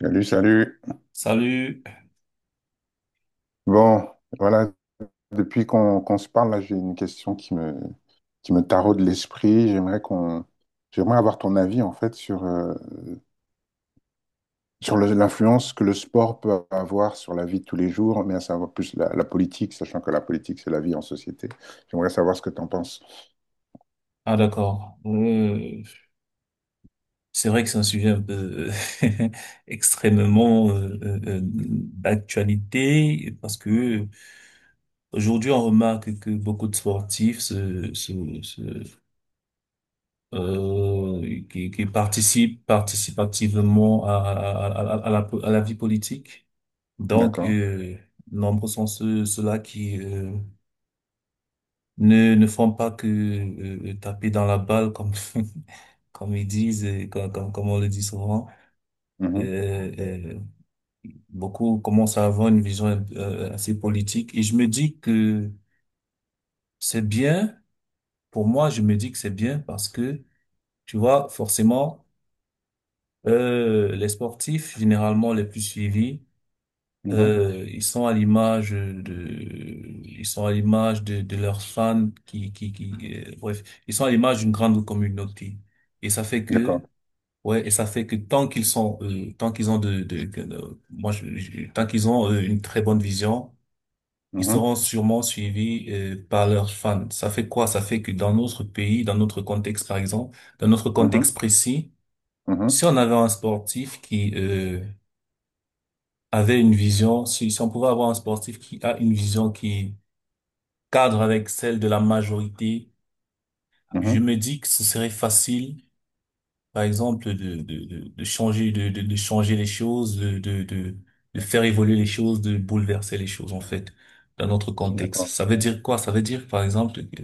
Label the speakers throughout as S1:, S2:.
S1: Salut, salut.
S2: Salut.
S1: Bon, voilà, depuis qu'on se parle, là, j'ai une question qui me taraude l'esprit. J'aimerais avoir ton avis, sur, sur l'influence que le sport peut avoir sur la vie de tous les jours, mais à savoir plus la politique, sachant que la politique, c'est la vie en société. J'aimerais savoir ce que tu en penses.
S2: Ah d'accord. C'est vrai que c'est un sujet un peu extrêmement d'actualité parce que aujourd'hui on remarque que beaucoup de sportifs qui participent activement à la vie politique. Donc
S1: D'accord.
S2: euh, Nombreux sont ceux-là qui ne font pas que taper dans la balle comme comme ils disent et comme on le dit souvent.
S1: Mhm,
S2: Euh, euh, Beaucoup commencent à avoir une vision assez politique et je me dis que c'est bien. Pour moi, je me dis que c'est bien parce que tu vois forcément les sportifs généralement les plus suivis.
S1: mhm.
S2: Ils sont à l'image de leurs fans qui, bref, ils sont à l'image d'une grande communauté. Et ça fait que,
S1: D'accord.
S2: ouais, et ça fait que tant qu'ils ont de, que- de- moi, je- tant qu'ils ont une très bonne vision, ils
S1: Mhm,
S2: seront sûrement suivis par leurs fans. Ça fait quoi? Ça fait que dans notre pays, dans notre contexte, par exemple, dans notre contexte
S1: mhm,
S2: précis,
S1: mhm,
S2: si on avait un sportif qui, avait une vision, si, si on pouvait avoir un sportif qui a une vision qui cadre avec celle de la majorité, je
S1: mhm.
S2: me dis que ce serait facile, par exemple, de changer, de changer les choses, de faire évoluer les choses, de bouleverser les choses, en fait, dans notre contexte.
S1: D'accord.
S2: Ça veut dire quoi? Ça veut dire, par exemple, que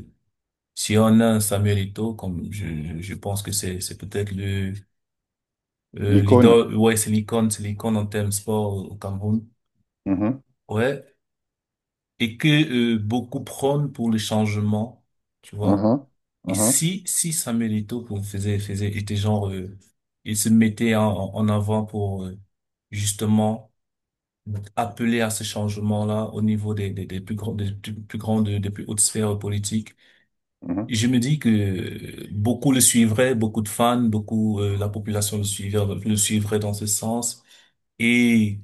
S2: si on a un Samuel Eto'o, comme je pense que c'est peut-être
S1: L'icône.
S2: l'idole, ouais, c'est l'icône en termes sport au Cameroun.
S1: Mhm,
S2: Ouais, et que beaucoup prônent pour le changement, tu vois.
S1: mhm,
S2: Et
S1: mhm,
S2: si Samuel Eto'o pour- faisait faisait était genre il se mettait en avant pour justement appeler à ce changement-là au niveau des plus grandes des plus plus grandes des plus hautes sphères politiques.
S1: mhm.
S2: Et je me dis que beaucoup le suivraient, beaucoup de fans, beaucoup la population le suivrait dans ce sens. Et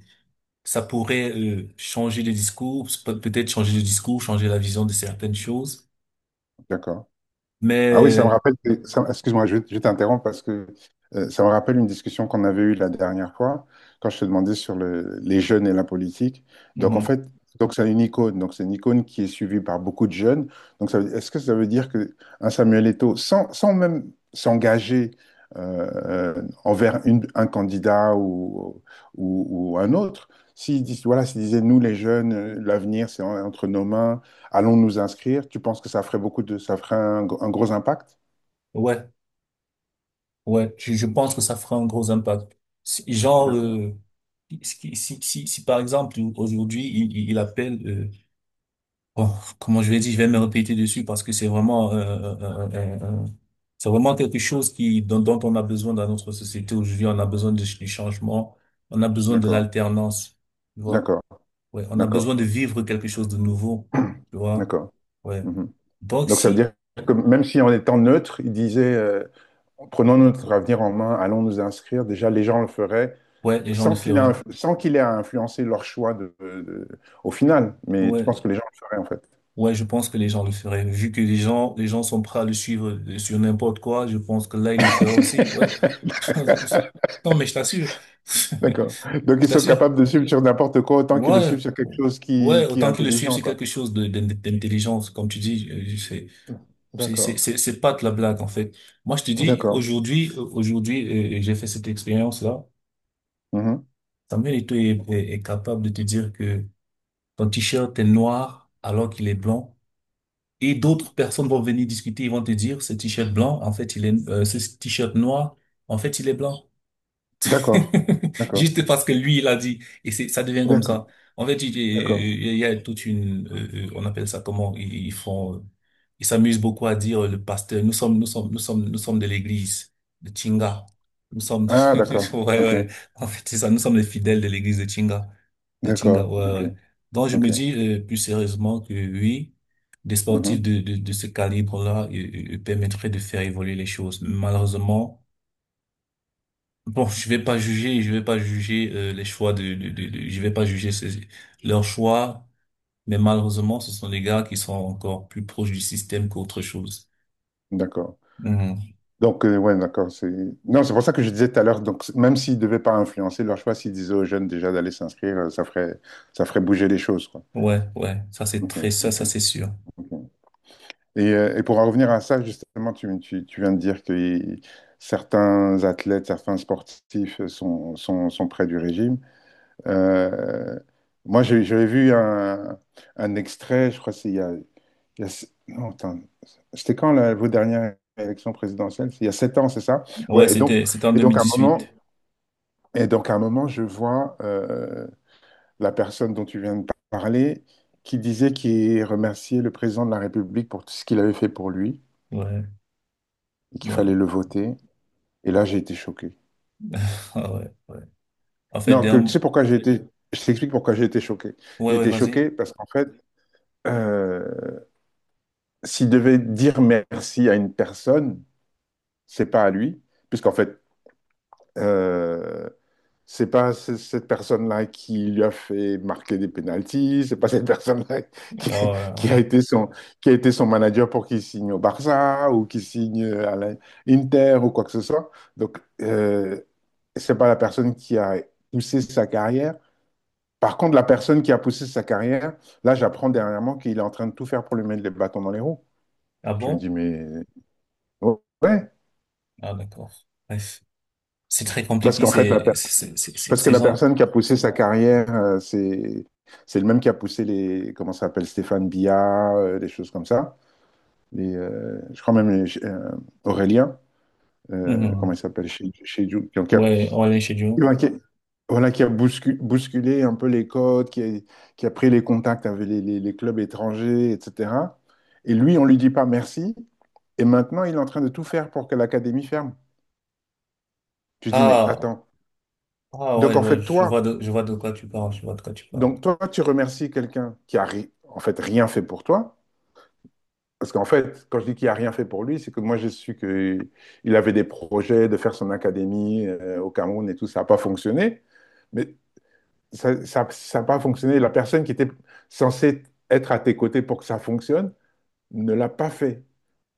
S2: ça pourrait changer les discours, peut-être changer le discours, changer la vision de certaines choses.
S1: D'accord. Ah oui, ça me
S2: Mais
S1: rappelle, excuse-moi, je t'interromps parce que ça me rappelle une discussion qu'on avait eue la dernière fois quand je te demandais sur les jeunes et la politique. Donc en
S2: mhm,
S1: fait, donc c'est une icône, donc c'est une icône qui est suivie par beaucoup de jeunes. Donc est-ce que ça veut dire que un Samuel Eto'o, sans même s'engager euh, envers un candidat ou ou un autre, s'il disait nous les jeunes, l'avenir c'est entre nos mains. Allons nous inscrire. Tu penses que ça ferait un gros impact?
S2: ouais, ouais, je pense que ça fera un gros impact. Si- Genre,
S1: D'accord,
S2: euh, si par exemple aujourd'hui il appelle, bon, comment je vais dire, je vais me répéter dessus parce que c'est vraiment, c'est vraiment quelque chose qui dont, dont on a besoin dans notre société aujourd'hui. On a besoin du changement, on a besoin de
S1: d'accord,
S2: l'alternance, tu vois.
S1: d'accord,
S2: Ouais, on a besoin de
S1: d'accord,
S2: vivre quelque chose de nouveau, tu vois.
S1: d'accord.
S2: Ouais.
S1: Mhm.
S2: Donc
S1: Donc ça veut
S2: si,
S1: dire que même si en étant neutre, il disait, prenons notre avenir en main, allons nous inscrire. Déjà, les gens le feraient
S2: ouais, les gens le
S1: sans
S2: feraient.
S1: sans qu'il ait à influencer leur choix au final. Mais tu penses que
S2: Ouais,
S1: les gens le feraient en fait?
S2: ouais, je pense que les gens le feraient. Vu que les gens sont prêts à le suivre sur n'importe quoi, je pense que là, ils le feraient aussi. Ouais. Non, mais je t'assure.
S1: D'accord. Donc
S2: Je
S1: ils sont
S2: t'assure.
S1: capables de suivre sur n'importe quoi autant qu'ils le
S2: Ouais.
S1: suivent sur quelque chose
S2: Ouais,
S1: qui est
S2: autant qu'ils le suivent,
S1: intelligent,
S2: c'est
S1: quoi.
S2: quelque chose d'intelligence, comme tu dis. Je sais.
S1: D'accord,
S2: C'est pas de la blague, en fait. Moi, je te dis,
S1: d'accord.
S2: aujourd'hui, j'ai fait cette expérience-là.
S1: Mhm.
S2: Samuel Eto'o est capable de te dire que ton t-shirt est noir alors qu'il est blanc. Et d'autres personnes vont venir discuter, ils vont te dire, ce t-shirt blanc, en fait, il est, ce t-shirt noir, en fait, il est blanc.
S1: D'accord, d'accord,
S2: Juste parce que lui, il a dit. Et c'est, ça devient comme
S1: d'accord,
S2: ça. En fait, il
S1: d'accord.
S2: il- il y a toute une, on appelle ça comment, ils font, ils s'amusent beaucoup à dire, le pasteur, nous sommes de l'église de Chinga. Nous sommes,
S1: Ah, d'accord,
S2: ouais,
S1: ok,
S2: ouais. En fait, c'est ça, nous sommes les fidèles de l'église de Chinga. De Chinga,
S1: d'accord,
S2: ouais,
S1: ok,
S2: ouais. Donc, je me
S1: ok,
S2: dis, plus sérieusement que oui, des sportifs
S1: mhm,
S2: de ce calibre-là, permettraient de faire évoluer les choses. Malheureusement, bon, je vais pas juger, je vais pas juger les choix je vais pas juger leurs choix, mais malheureusement, ce sont des gars qui sont encore plus proches du système qu'autre chose.
S1: d'accord.
S2: Mhm.
S1: Donc, ouais, d'accord, c'est... Non, c'est pour ça que je disais tout à l'heure, donc, même s'ils ne devaient pas influencer leur choix, s'ils disaient aux jeunes déjà d'aller s'inscrire, ça ça ferait bouger les choses, quoi.
S2: Ouais, ouais,
S1: Ok, ok,
S2: ça c'est sûr.
S1: ok. Et pour en revenir à ça, justement, tu viens de dire que certains athlètes, certains sportifs sont près du régime. Euh, moi, j'avais vu un extrait, je crois que c'est non, attends, c'était quand vos dernières élections présidentielles? C'est il y a sept ans, c'est ça?
S2: Ouais,
S1: Ouais,
S2: c'était en
S1: et donc à un moment,
S2: 2018.
S1: et donc à un moment, je vois la personne dont tu viens de parler qui disait qu'il remerciait le président de la République pour tout ce qu'il avait fait pour lui
S2: Ouais,
S1: et qu'il fallait
S2: ouais,
S1: le voter. Et là, j'ai été choqué.
S2: ah ouais, ouais. En fait,
S1: Non, tu sais
S2: derm...
S1: pourquoi je t'explique pourquoi j'ai été choqué.
S2: ouais,
S1: J'ai
S2: ouais,
S1: été
S2: vas-y.
S1: choqué parce qu'en fait, euh, s'il devait dire merci à une personne, c'est pas à lui, puisqu'en fait, euh, c'est pas cette personne-là qui lui a fait marquer des pénaltys, c'est pas cette personne-là qui,
S2: Ah ouais,
S1: qui a
S2: ouais.
S1: été qui a été son manager pour qu'il signe au Barça ou qu'il signe à l'Inter ou quoi que ce soit. Donc, c'est pas la personne qui a poussé sa carrière. Par contre, la personne qui a poussé sa carrière, là, j'apprends dernièrement qu'il est en train de tout faire pour lui mettre les bâtons dans les roues.
S2: Ah
S1: Je me dis,
S2: bon?
S1: mais ouais.
S2: Ah d'accord. Bref. C'est très
S1: Parce
S2: compliqué,
S1: qu'en fait, parce que
S2: c'est
S1: la
S2: genre,
S1: personne qui a poussé sa carrière, c'est le même qui a poussé les, comment ça s'appelle, Stéphane Bia, des choses comme ça. Les, je crois même Aurélien, comment
S2: mhm.
S1: il s'appelle, chez qui a,
S2: Ouais, ouais, chez Dieu.
S1: voilà, qui a voilà, qui a bousculé un peu les codes, qui a pris les contacts avec les, les clubs étrangers, etc. Et lui, on lui dit pas merci. Et maintenant, il est en train de tout faire pour que l'académie ferme. Tu dis, mais
S2: Ah,
S1: attends.
S2: ah ouais,
S1: Donc, en
S2: ouais,
S1: fait,
S2: je
S1: toi,
S2: vois je vois de quoi tu parles, je vois de quoi tu parles.
S1: Donc, toi, tu remercies quelqu'un qui a ri- en fait rien fait pour toi. Parce qu'en fait, quand je dis qu'il a rien fait pour lui, c'est que moi, j'ai su qu'il avait des projets de faire son académie au Cameroun et tout. Ça n'a pas fonctionné. Mais ça n'a ça, ça a pas fonctionné. La personne qui était censée être à tes côtés pour que ça fonctionne ne l'a pas fait.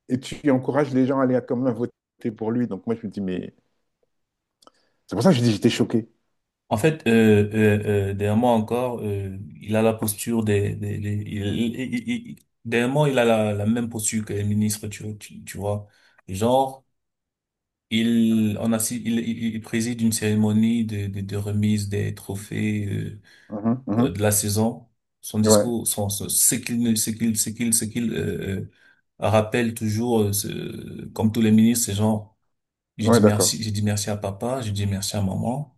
S1: Et tu encourages les gens à aller quand même voter pour lui. Donc, moi, je me dis, mais c'est pour ça que je dis, j'étais choqué.
S2: En fait, derrière moi encore, il a la posture derrière moi, il a la, la même posture que les ministres, tu vois. Genre, il, il préside une cérémonie de remise des trophées
S1: Mhm, mhm.
S2: de la saison. Son
S1: Ouais,
S2: discours, son, son- ce qu'il, ne- ce qu'il, ce qu'il, ce qu'il rappelle toujours, comme tous les ministres, c'est genre,
S1: ouais, d'accord.
S2: j'ai dit merci à papa, j'ai dit merci à maman.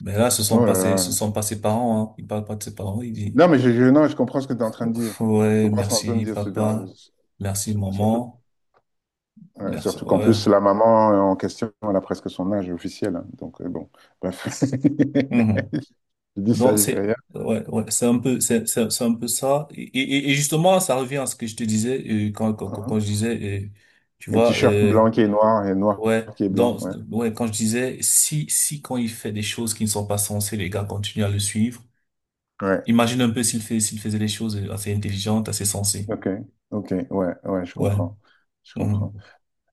S2: Mais là,
S1: Oh là
S2: ce
S1: là.
S2: sont pas ses parents. Hein. Il parle pas de ses parents. Il dit,
S1: Non, mais non, je comprends ce que tu es en train de dire. Je
S2: ouais,
S1: comprends ce que tu es en Ouais. train de
S2: merci
S1: dire.
S2: papa, merci
S1: Surtout,
S2: maman, merci.
S1: surtout qu'en
S2: Ouais.
S1: plus, la maman en question, elle a presque son âge officiel. Hein. Donc, bon, bref.
S2: Mhm.
S1: Je dis ça,
S2: Donc
S1: je dis
S2: c'est
S1: rien.
S2: ouais ouais c'est un peu ça et, et justement ça revient à ce que je te disais euh, quand, quand quand
S1: Hein.
S2: quand je disais tu
S1: Le
S2: vois
S1: t-shirt blanc qui est noir et noir
S2: ouais
S1: qui est blanc.
S2: donc
S1: Ouais.
S2: ouais quand je disais si quand il fait des choses qui ne sont pas sensées les gars continuent à le suivre
S1: Ouais.
S2: imagine un peu s'il faisait des choses assez intelligentes assez sensées
S1: OK. OK. Ouais. Ouais, je
S2: ouais.
S1: comprends. Je comprends.
S2: Mhm.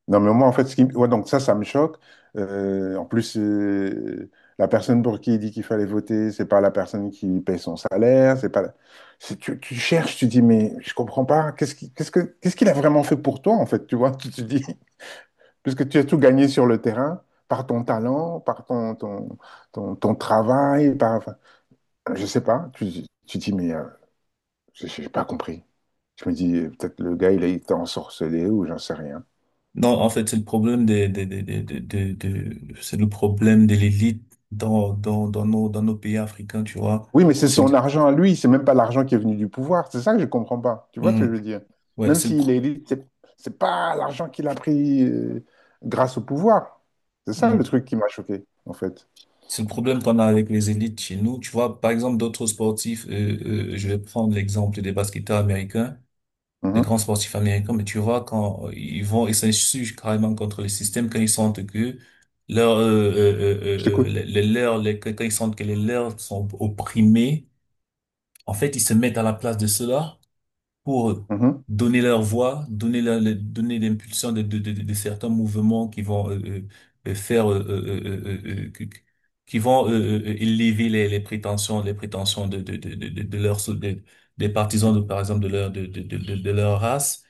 S1: Non, mais moi, en fait, ce qui... ouais, donc ça me choque. En plus, la personne pour qui il dit qu'il fallait voter, c'est pas la personne qui paye son salaire, c'est pas... tu cherches, tu dis, mais je comprends pas, qu'est-ce qu'il a vraiment fait pour toi, en fait, tu vois, tu te dis, puisque tu as tout gagné sur le terrain, par ton talent, par ton travail, par... enfin, je sais pas, tu dis, mais j'ai pas compris. Je me dis, peut-être le gars, il a été ensorcelé ou j'en sais rien.
S2: Non en fait c'est le problème c'est le problème de l'élite dans nos pays africains tu vois
S1: Oui, mais c'est son
S2: c'est
S1: argent à lui, c'est même pas l'argent qui est venu du pouvoir. C'est ça que je comprends pas. Tu vois ce que je
S2: mhm,
S1: veux dire?
S2: ouais
S1: Même s'il est élite, c'est pas l'argent qu'il a pris grâce au pouvoir. C'est ça le
S2: mhm.
S1: truc qui m'a choqué, en fait.
S2: C'est le problème qu'on a avec les élites chez nous. Tu vois, par exemple, d'autres sportifs, je vais prendre l'exemple des basketteurs américains, des
S1: Mhm.
S2: grands sportifs américains, mais tu vois, quand ils vont, ils s'insurgent carrément contre le système quand ils sentent que leur,
S1: Je t'écoute.
S2: les leurs, les- quand ils sentent que les leurs sont opprimés, en fait, ils se mettent à la place de ceux-là pour
S1: Mhm.
S2: donner leur voix, donner l'impulsion de certains mouvements qui vont faire , qui qui vont élever les prétentions de des partisans de par exemple de leur de leur race,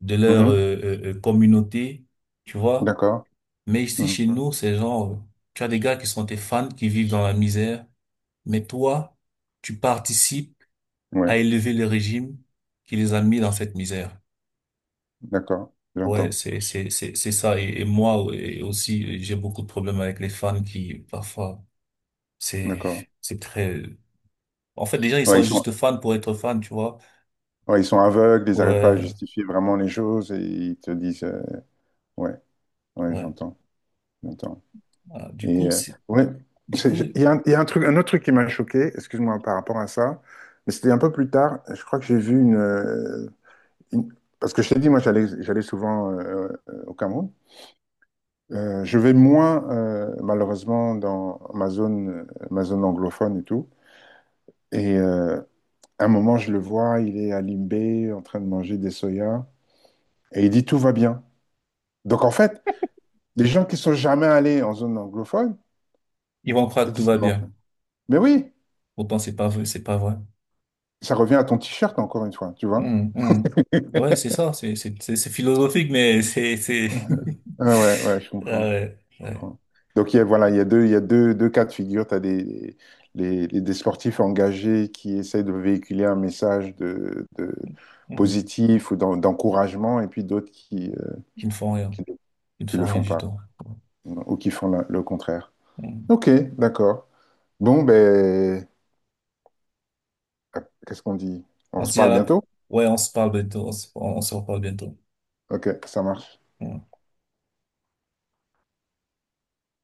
S2: de leur
S1: Mhm.
S2: communauté, tu vois.
S1: D'accord.
S2: Mais ici
S1: Mhm.
S2: chez nous, c'est genre tu as des gars qui sont tes fans qui vivent dans la misère, mais toi, tu participes à
S1: Ouais,
S2: élever le régime qui les a mis dans cette misère.
S1: d'accord.
S2: Ouais,
S1: J'entends.
S2: c'est ça et moi et aussi j'ai beaucoup de problèmes avec les fans qui parfois c'est
S1: D'accord.
S2: c'est très en fait les gens ils
S1: Ouais, ils
S2: sont
S1: sont,
S2: juste fans pour être fans tu vois
S1: ouais, ils sont aveugles, ils n'arrivent pas à
S2: ouais
S1: justifier vraiment les choses et ils te disent. Ouais, ouais,
S2: ouais.
S1: j'entends. J'entends.
S2: Ah, du
S1: Et
S2: coup c'est
S1: ouais,
S2: du coup
S1: il y a un truc, un autre truc qui m'a choqué, excuse-moi par rapport à ça, mais c'était un peu plus tard. Je crois que j'ai vu une, une- parce que je t'ai dit, moi j'allais souvent au Cameroun. Je vais moins malheureusement dans ma zone anglophone et tout. Et à un moment, je le vois, il est à Limbé en train de manger des soya et il dit tout va bien. Donc en fait, les gens qui sont jamais allés en zone anglophone,
S2: ils vont croire que
S1: ils
S2: tout
S1: disent
S2: va
S1: non.
S2: bien
S1: Mais oui,
S2: pourtant c'est pas vrai.
S1: ça revient à ton t-shirt encore une fois, tu vois.
S2: Hum, hum. Ouais c'est ça c'est philosophique mais c'est
S1: Ah ouais, ouais, je
S2: ah
S1: comprends,
S2: ouais
S1: je
S2: ouais.
S1: comprends. Donc il y a, voilà, il y a deux, deux cas de figure. Tu as des sportifs engagés qui essayent de véhiculer un message de
S2: Hum. Hum.
S1: positif ou d'encouragement, et puis d'autres qui,
S2: Ils ne font rien
S1: qui, le-
S2: ils ne
S1: qui
S2: font
S1: le
S2: rien
S1: font
S2: du
S1: pas
S2: tout.
S1: ou qui font le contraire.
S2: Hum.
S1: Ok, d'accord. Bon, ben, euh, qu'est-ce qu'on dit?
S2: On
S1: On
S2: se
S1: se
S2: dit à
S1: parle
S2: la
S1: bientôt?
S2: ouais on se parle bientôt on se reparle bientôt.
S1: Ok, ça marche.
S2: Ouais.